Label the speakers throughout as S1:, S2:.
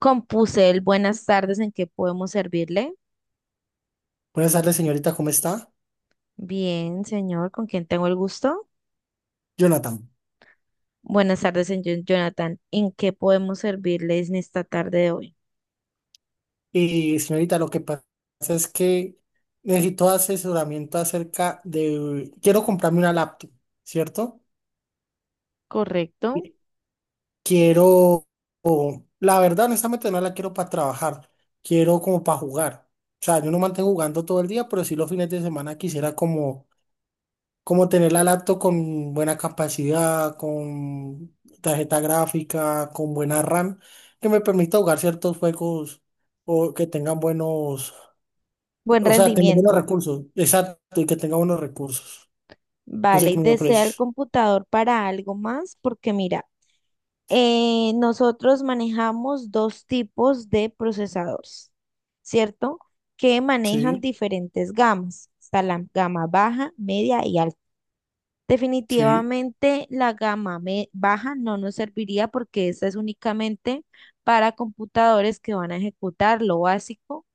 S1: Compuse el buenas tardes, ¿en qué podemos servirle?
S2: Buenas tardes, señorita, ¿cómo está?
S1: Bien, señor, ¿con quién tengo el gusto?
S2: Jonathan.
S1: Buenas tardes, señor Jonathan, ¿en qué podemos servirles en esta tarde de hoy?
S2: Y señorita, lo que pasa es que necesito asesoramiento acerca de ...quiero comprarme una laptop, ¿cierto?
S1: Correcto.
S2: Y Quiero... La verdad, honestamente, no la quiero para trabajar. Quiero como para jugar. O sea, yo no mantengo jugando todo el día, pero sí los fines de semana quisiera como tener la laptop con buena capacidad, con tarjeta gráfica, con buena RAM, que me permita jugar ciertos juegos o que tengan buenos,
S1: Buen
S2: o sea, tener buenos
S1: rendimiento.
S2: recursos, exacto, y que tenga buenos recursos. No sé
S1: Vale,
S2: qué me
S1: ¿desea el
S2: ofreces.
S1: computador para algo más? Porque mira, nosotros manejamos dos tipos de procesadores, ¿cierto? Que manejan
S2: Sí,
S1: diferentes gamas. Está la gama baja, media y alta.
S2: sí,
S1: Definitivamente la baja no nos serviría porque esa es únicamente para computadores que van a ejecutar lo básico,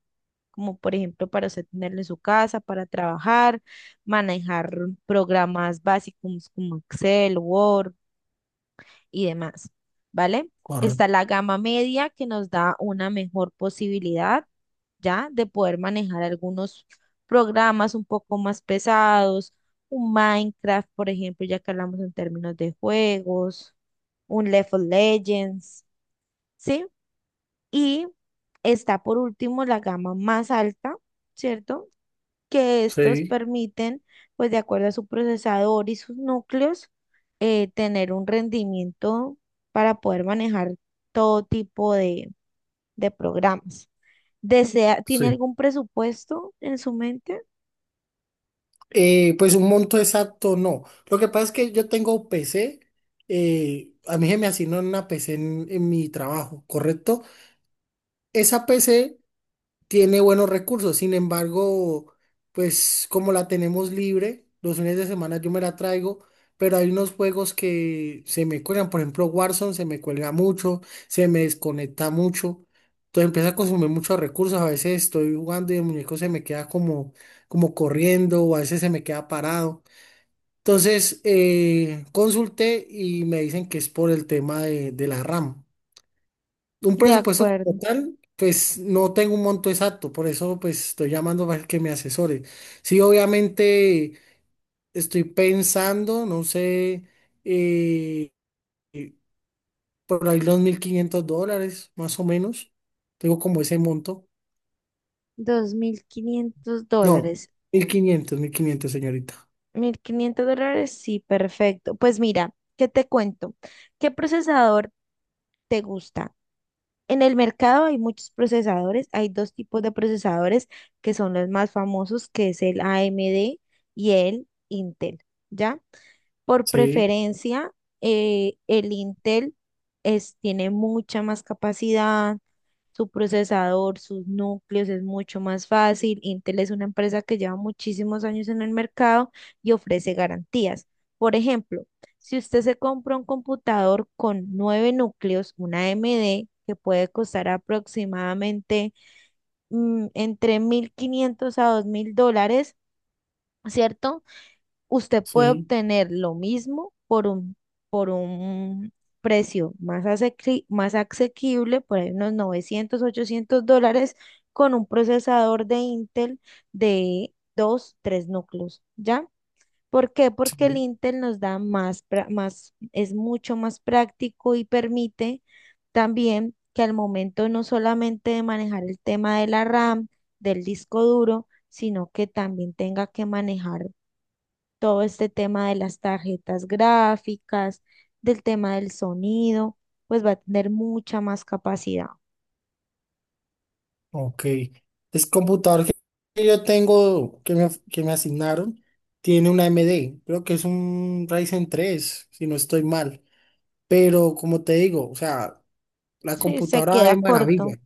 S1: como por ejemplo para usted tenerlo en su casa, para trabajar, manejar programas básicos como Excel, Word y demás, ¿vale? Está
S2: correcto.
S1: la gama media que nos da una mejor posibilidad ya de poder manejar algunos programas un poco más pesados, un Minecraft, por ejemplo, ya que hablamos en términos de juegos, un League of Legends, ¿sí? Y está por último la gama más alta, ¿cierto? Que estos
S2: Sí,
S1: permiten, pues de acuerdo a su procesador y sus núcleos, tener un rendimiento para poder manejar todo tipo de programas. Desea, ¿tiene
S2: sí.
S1: algún presupuesto en su mente?
S2: Pues un monto exacto no. Lo que pasa es que yo tengo PC, a mí se me asignó una PC en mi trabajo, ¿correcto? Esa PC tiene buenos recursos. Sin embargo, pues como la tenemos libre, los fines de semana yo me la traigo, pero hay unos juegos que se me cuelgan. Por ejemplo, Warzone se me cuelga mucho, se me desconecta mucho. Entonces empieza a consumir muchos recursos. A veces estoy jugando y el muñeco se me queda como, como corriendo, o a veces se me queda parado. Entonces consulté y me dicen que es por el tema de la RAM. Un
S1: De
S2: presupuesto
S1: acuerdo,
S2: como tal, pues no tengo un monto exacto, por eso pues estoy llamando para que me asesore. Sí, obviamente estoy pensando, no sé, eh, eh, por ahí los $1,500, más o menos. Tengo como ese monto.
S1: 2.500
S2: No,
S1: dólares.
S2: 1.500, 1.500 señorita.
S1: $1,500, sí, perfecto. Pues mira, ¿qué te cuento? ¿Qué procesador te gusta? En el mercado hay muchos procesadores, hay dos tipos de procesadores que son los más famosos, que es el AMD y el Intel, ¿ya? Por
S2: Sí,
S1: preferencia, el Intel es, tiene mucha más capacidad, su procesador, sus núcleos, es mucho más fácil. Intel es una empresa que lleva muchísimos años en el mercado y ofrece garantías. Por ejemplo, si usted se compra un computador con nueve núcleos, una AMD, que puede costar aproximadamente, entre $1,500 a $2,000, ¿cierto? Usted puede
S2: sí,
S1: obtener lo mismo por un precio más, más asequible, por ahí unos $900 $800, con un procesador de Intel de 2 3 núcleos, ¿ya? ¿Por qué? Porque el
S2: sí.
S1: Intel nos da más, es mucho más práctico y permite también que al momento no solamente de manejar el tema de la RAM, del disco duro, sino que también tenga que manejar todo este tema de las tarjetas gráficas, del tema del sonido, pues va a tener mucha más capacidad.
S2: Ok. El computador que yo tengo, que me asignaron, tiene una AMD. Creo que es un Ryzen 3, si no estoy mal. Pero como te digo, o sea, la
S1: Sí, se
S2: computadora
S1: queda
S2: es
S1: corto.
S2: maravilla,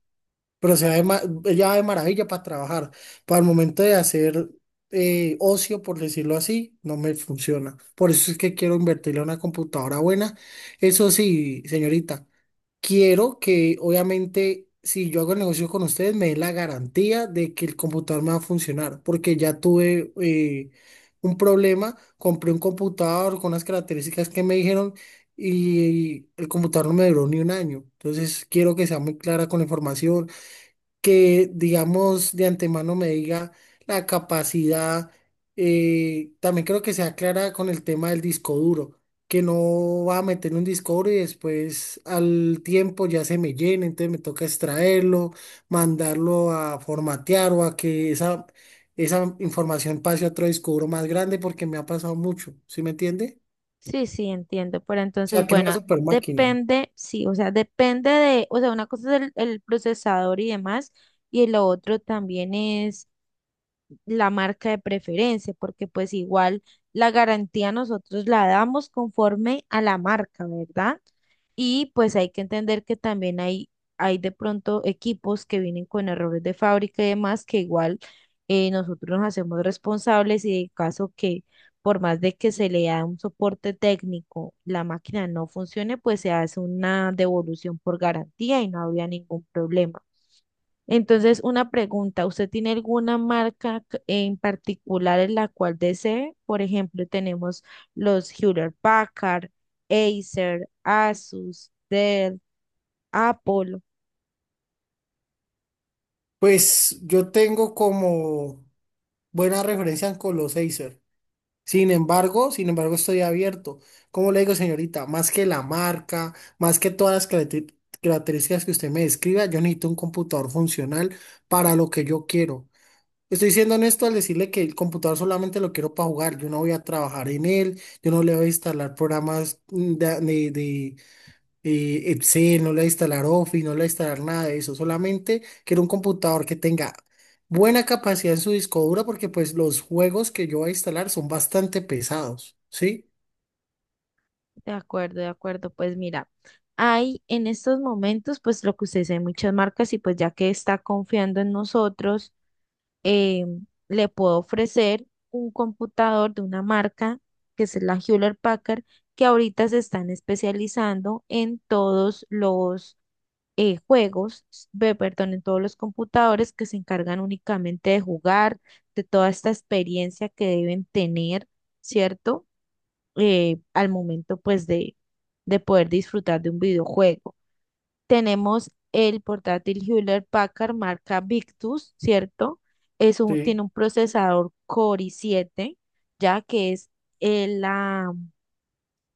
S2: pero se va de ma- ella va de maravilla para trabajar. Para el momento de hacer ocio, por decirlo así, no me funciona. Por eso es que quiero invertirle a una computadora buena. Eso sí, señorita, quiero que, obviamente, si yo hago el negocio con ustedes, me den la garantía de que el computador me va a funcionar, porque ya tuve, un problema, compré un computador con las características que me dijeron y el computador no me duró ni 1 año. Entonces quiero que sea muy clara con la información, que, digamos, de antemano me diga la capacidad. También creo que sea clara con el tema del disco duro, que no va a meter un disco duro y después, al tiempo, ya se me llena, entonces me toca extraerlo, mandarlo a formatear o a que esa información pase a otro disco duro más grande, porque me ha pasado mucho, ¿sí me entiende?
S1: Sí, sí, entiendo. Pero
S2: O sea,
S1: entonces,
S2: que era una
S1: bueno,
S2: super máquina.
S1: depende, sí, o sea, depende de, o sea, una cosa es el procesador y demás, y lo otro también es la marca de preferencia, porque pues igual la garantía nosotros la damos conforme a la marca, ¿verdad? Y pues hay que entender que también hay de pronto equipos que vienen con errores de fábrica y demás, que igual nosotros nos hacemos responsables y en caso que por más de que se le da un soporte técnico, la máquina no funcione, pues se hace una devolución por garantía y no había ningún problema. Entonces, una pregunta, ¿usted tiene alguna en particular en la cual desee? Por ejemplo, tenemos los Hewlett Packard, Acer, Asus, Dell, Apple.
S2: Pues yo tengo como buena referencia en Colossacer. Sin embargo, estoy abierto. Como le digo, señorita, más que la marca, más que todas las características que usted me describa, yo necesito un computador funcional para lo que yo quiero. Estoy siendo honesto al decirle que el computador solamente lo quiero para jugar. Yo no voy a trabajar en él, yo no le voy a instalar programas de, Excel, no le va a instalar Office, no le va a instalar nada de eso, solamente quiero un computador que tenga buena capacidad en su disco duro, porque pues los juegos que yo voy a instalar son bastante pesados, ¿sí?
S1: De acuerdo, de acuerdo. Pues mira, hay en estos momentos, pues lo que usted dice, hay muchas marcas y pues ya que está confiando en nosotros. eh, Le puedo ofrecer un computador de una marca que es la Hewlett Packard, que ahorita se están especializando en todos los juegos, perdón, en todos los computadores que se encargan únicamente de jugar, de toda esta experiencia que deben tener, ¿cierto? Al momento, pues, de poder disfrutar de un videojuego. Tenemos el portátil Hewlett Packard marca Victus, ¿cierto?
S2: Sí,
S1: Tiene un procesador Core i7, ya que es el, la-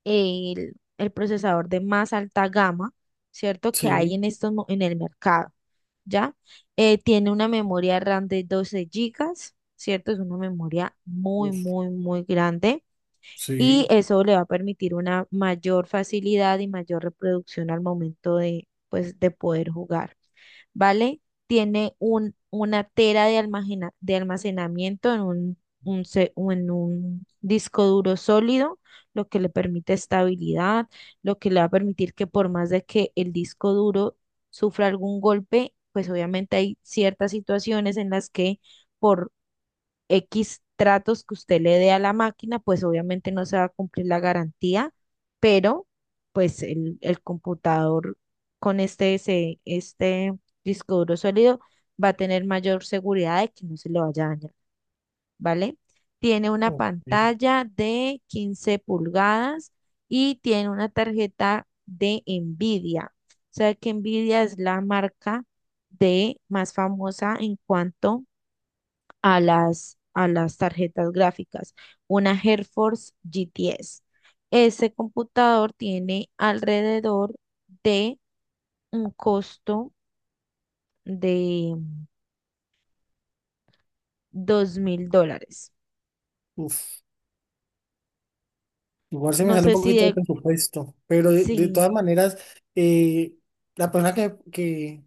S1: el procesador de más alta gama, ¿cierto? Que hay
S2: sí,
S1: en en el mercado, ¿ya? Tiene una memoria RAM de 12 gigas, ¿cierto? Es una memoria muy,
S2: uf,
S1: muy, muy grande y
S2: sí.
S1: eso le va a permitir una mayor facilidad y mayor reproducción al momento de, pues, de poder jugar, ¿vale? Tiene una tera de almacenamiento en un se- o en un disco duro sólido, lo que le permite estabilidad, lo que le va a permitir que por más de que el disco duro sufra algún golpe, pues obviamente hay ciertas situaciones en las que por X tratos que usted le dé a la máquina, pues obviamente no se va a cumplir la garantía, pero pues el computador con este disco duro sólido va a tener mayor seguridad de que no se le vaya a dañar, ¿vale? Tiene una
S2: Ok,
S1: pantalla de 15 pulgadas y tiene una tarjeta de Nvidia. O sea que Nvidia es la marca de más famosa en cuanto a las tarjetas gráficas, una GeForce GTS. Ese computador tiene alrededor de un costo de $2,000.
S2: uf. Igual se me
S1: No
S2: sale un
S1: sé si
S2: poquito de
S1: de,
S2: presupuesto, pero de
S1: sí,
S2: todas maneras, eh, la persona que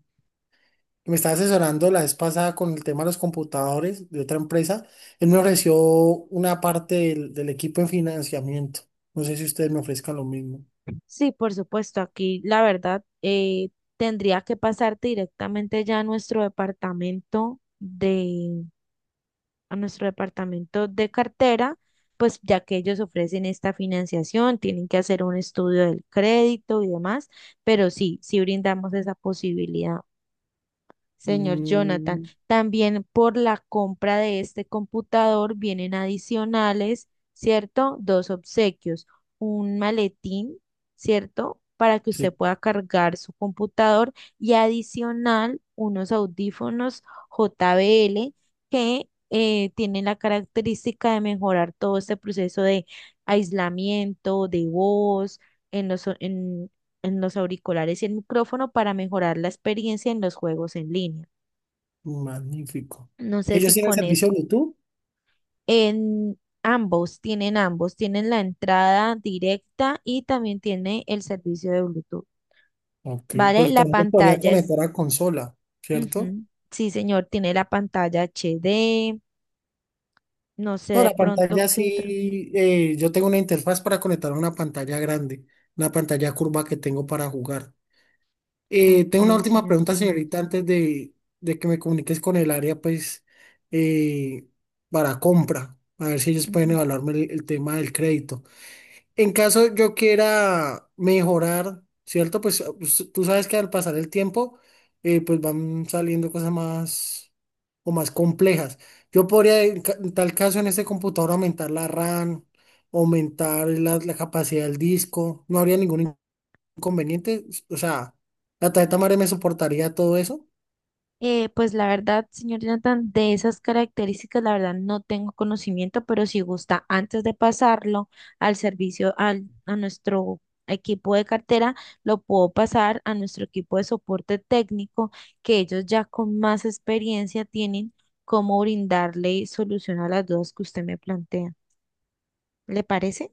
S2: me estaba asesorando la vez pasada con el tema de los computadores de otra empresa, él me ofreció una parte del equipo en financiamiento. No sé si ustedes me ofrezcan lo mismo.
S1: sí, por supuesto, aquí la verdad tendría que pasarte directamente ya a nuestro departamento de cartera, pues ya que ellos ofrecen esta financiación, tienen que hacer un estudio del crédito y demás, pero sí, sí brindamos esa posibilidad. Señor Jonathan,
S2: Mm,
S1: también por la compra de este computador vienen adicionales, ¿cierto? Dos obsequios, un maletín, ¿cierto? Para que usted
S2: sí,
S1: pueda cargar su computador, y adicional unos audífonos JBL que tienen la característica de mejorar todo este proceso de aislamiento, de voz, en los o- en los auriculares y el micrófono para mejorar la experiencia en los juegos en línea.
S2: magnífico.
S1: No sé
S2: ¿Ellos
S1: si
S2: tienen
S1: con
S2: servicio
S1: es
S2: Bluetooth?
S1: En ambos tienen la entrada directa y también tiene el servicio de Bluetooth,
S2: Ok,
S1: ¿vale?
S2: pues también podría conectar a consola, ¿cierto?
S1: Ujú. Sí, señor, tiene la pantalla HD, no sé
S2: No,
S1: de
S2: la
S1: pronto
S2: pantalla
S1: qué otro.
S2: sí, yo tengo una interfaz para conectar a una pantalla grande, una pantalla curva que tengo para jugar.
S1: Ok,
S2: Tengo una última
S1: señor.
S2: pregunta,
S1: Ya,
S2: señorita, antes de que me comuniques con el área, pues, eh, para compra, a ver si ellos pueden
S1: ujú.
S2: evaluarme el tema del crédito. En caso yo quiera mejorar, ¿cierto? Pues tú sabes que al pasar el tiempo, pues van saliendo cosas más o más complejas. Yo podría, en tal caso, en este computador aumentar la RAM, aumentar la capacidad del disco, no habría ningún conveniente, o sea, la tarjeta madre me soportaría todo eso.
S1: Pues la verdad, señor Jonathan, de esas características, la verdad no tengo conocimiento, pero si gusta, antes de pasarlo al servicio, a nuestro equipo de cartera, lo puedo pasar a nuestro equipo de soporte técnico, que ellos ya con más experiencia tienen cómo brindarle solución a las dudas que usted me plantea. ¿Le parece?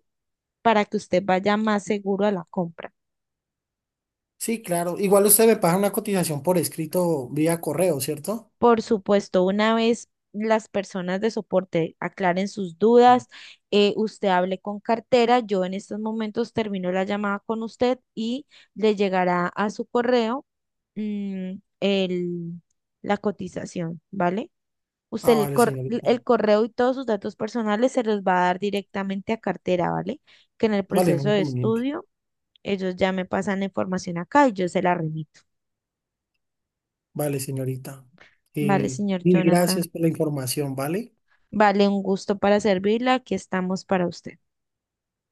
S1: Para que usted vaya más seguro a la compra.
S2: Sí, claro. Igual usted me paga una cotización por escrito vía correo, ¿cierto?
S1: Por supuesto, una vez las personas de soporte aclaren sus dudas, usted hable con cartera, yo en estos momentos termino la llamada con usted y le llegará a su correo, mm, el, la cotización, ¿vale? Usted
S2: Ah,
S1: el,
S2: vale,
S1: cor-
S2: señorita.
S1: el correo y todos sus datos personales se los va a dar directamente a cartera, ¿vale? Que en el
S2: Vale, no
S1: proceso
S2: hay
S1: de
S2: inconveniente.
S1: estudio ellos ya me pasan la información acá y yo se la remito.
S2: Vale, señorita.
S1: ¿Vale, señor
S2: Mil
S1: Jonathan?
S2: gracias por la información, ¿vale?
S1: Vale, un gusto para servirla. Aquí estamos para usted.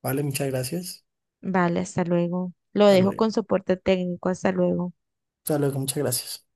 S2: Vale, muchas gracias.
S1: Vale, hasta luego. Lo
S2: Hasta
S1: dejo
S2: luego.
S1: con soporte técnico. Hasta luego.
S2: Hasta luego, muchas gracias.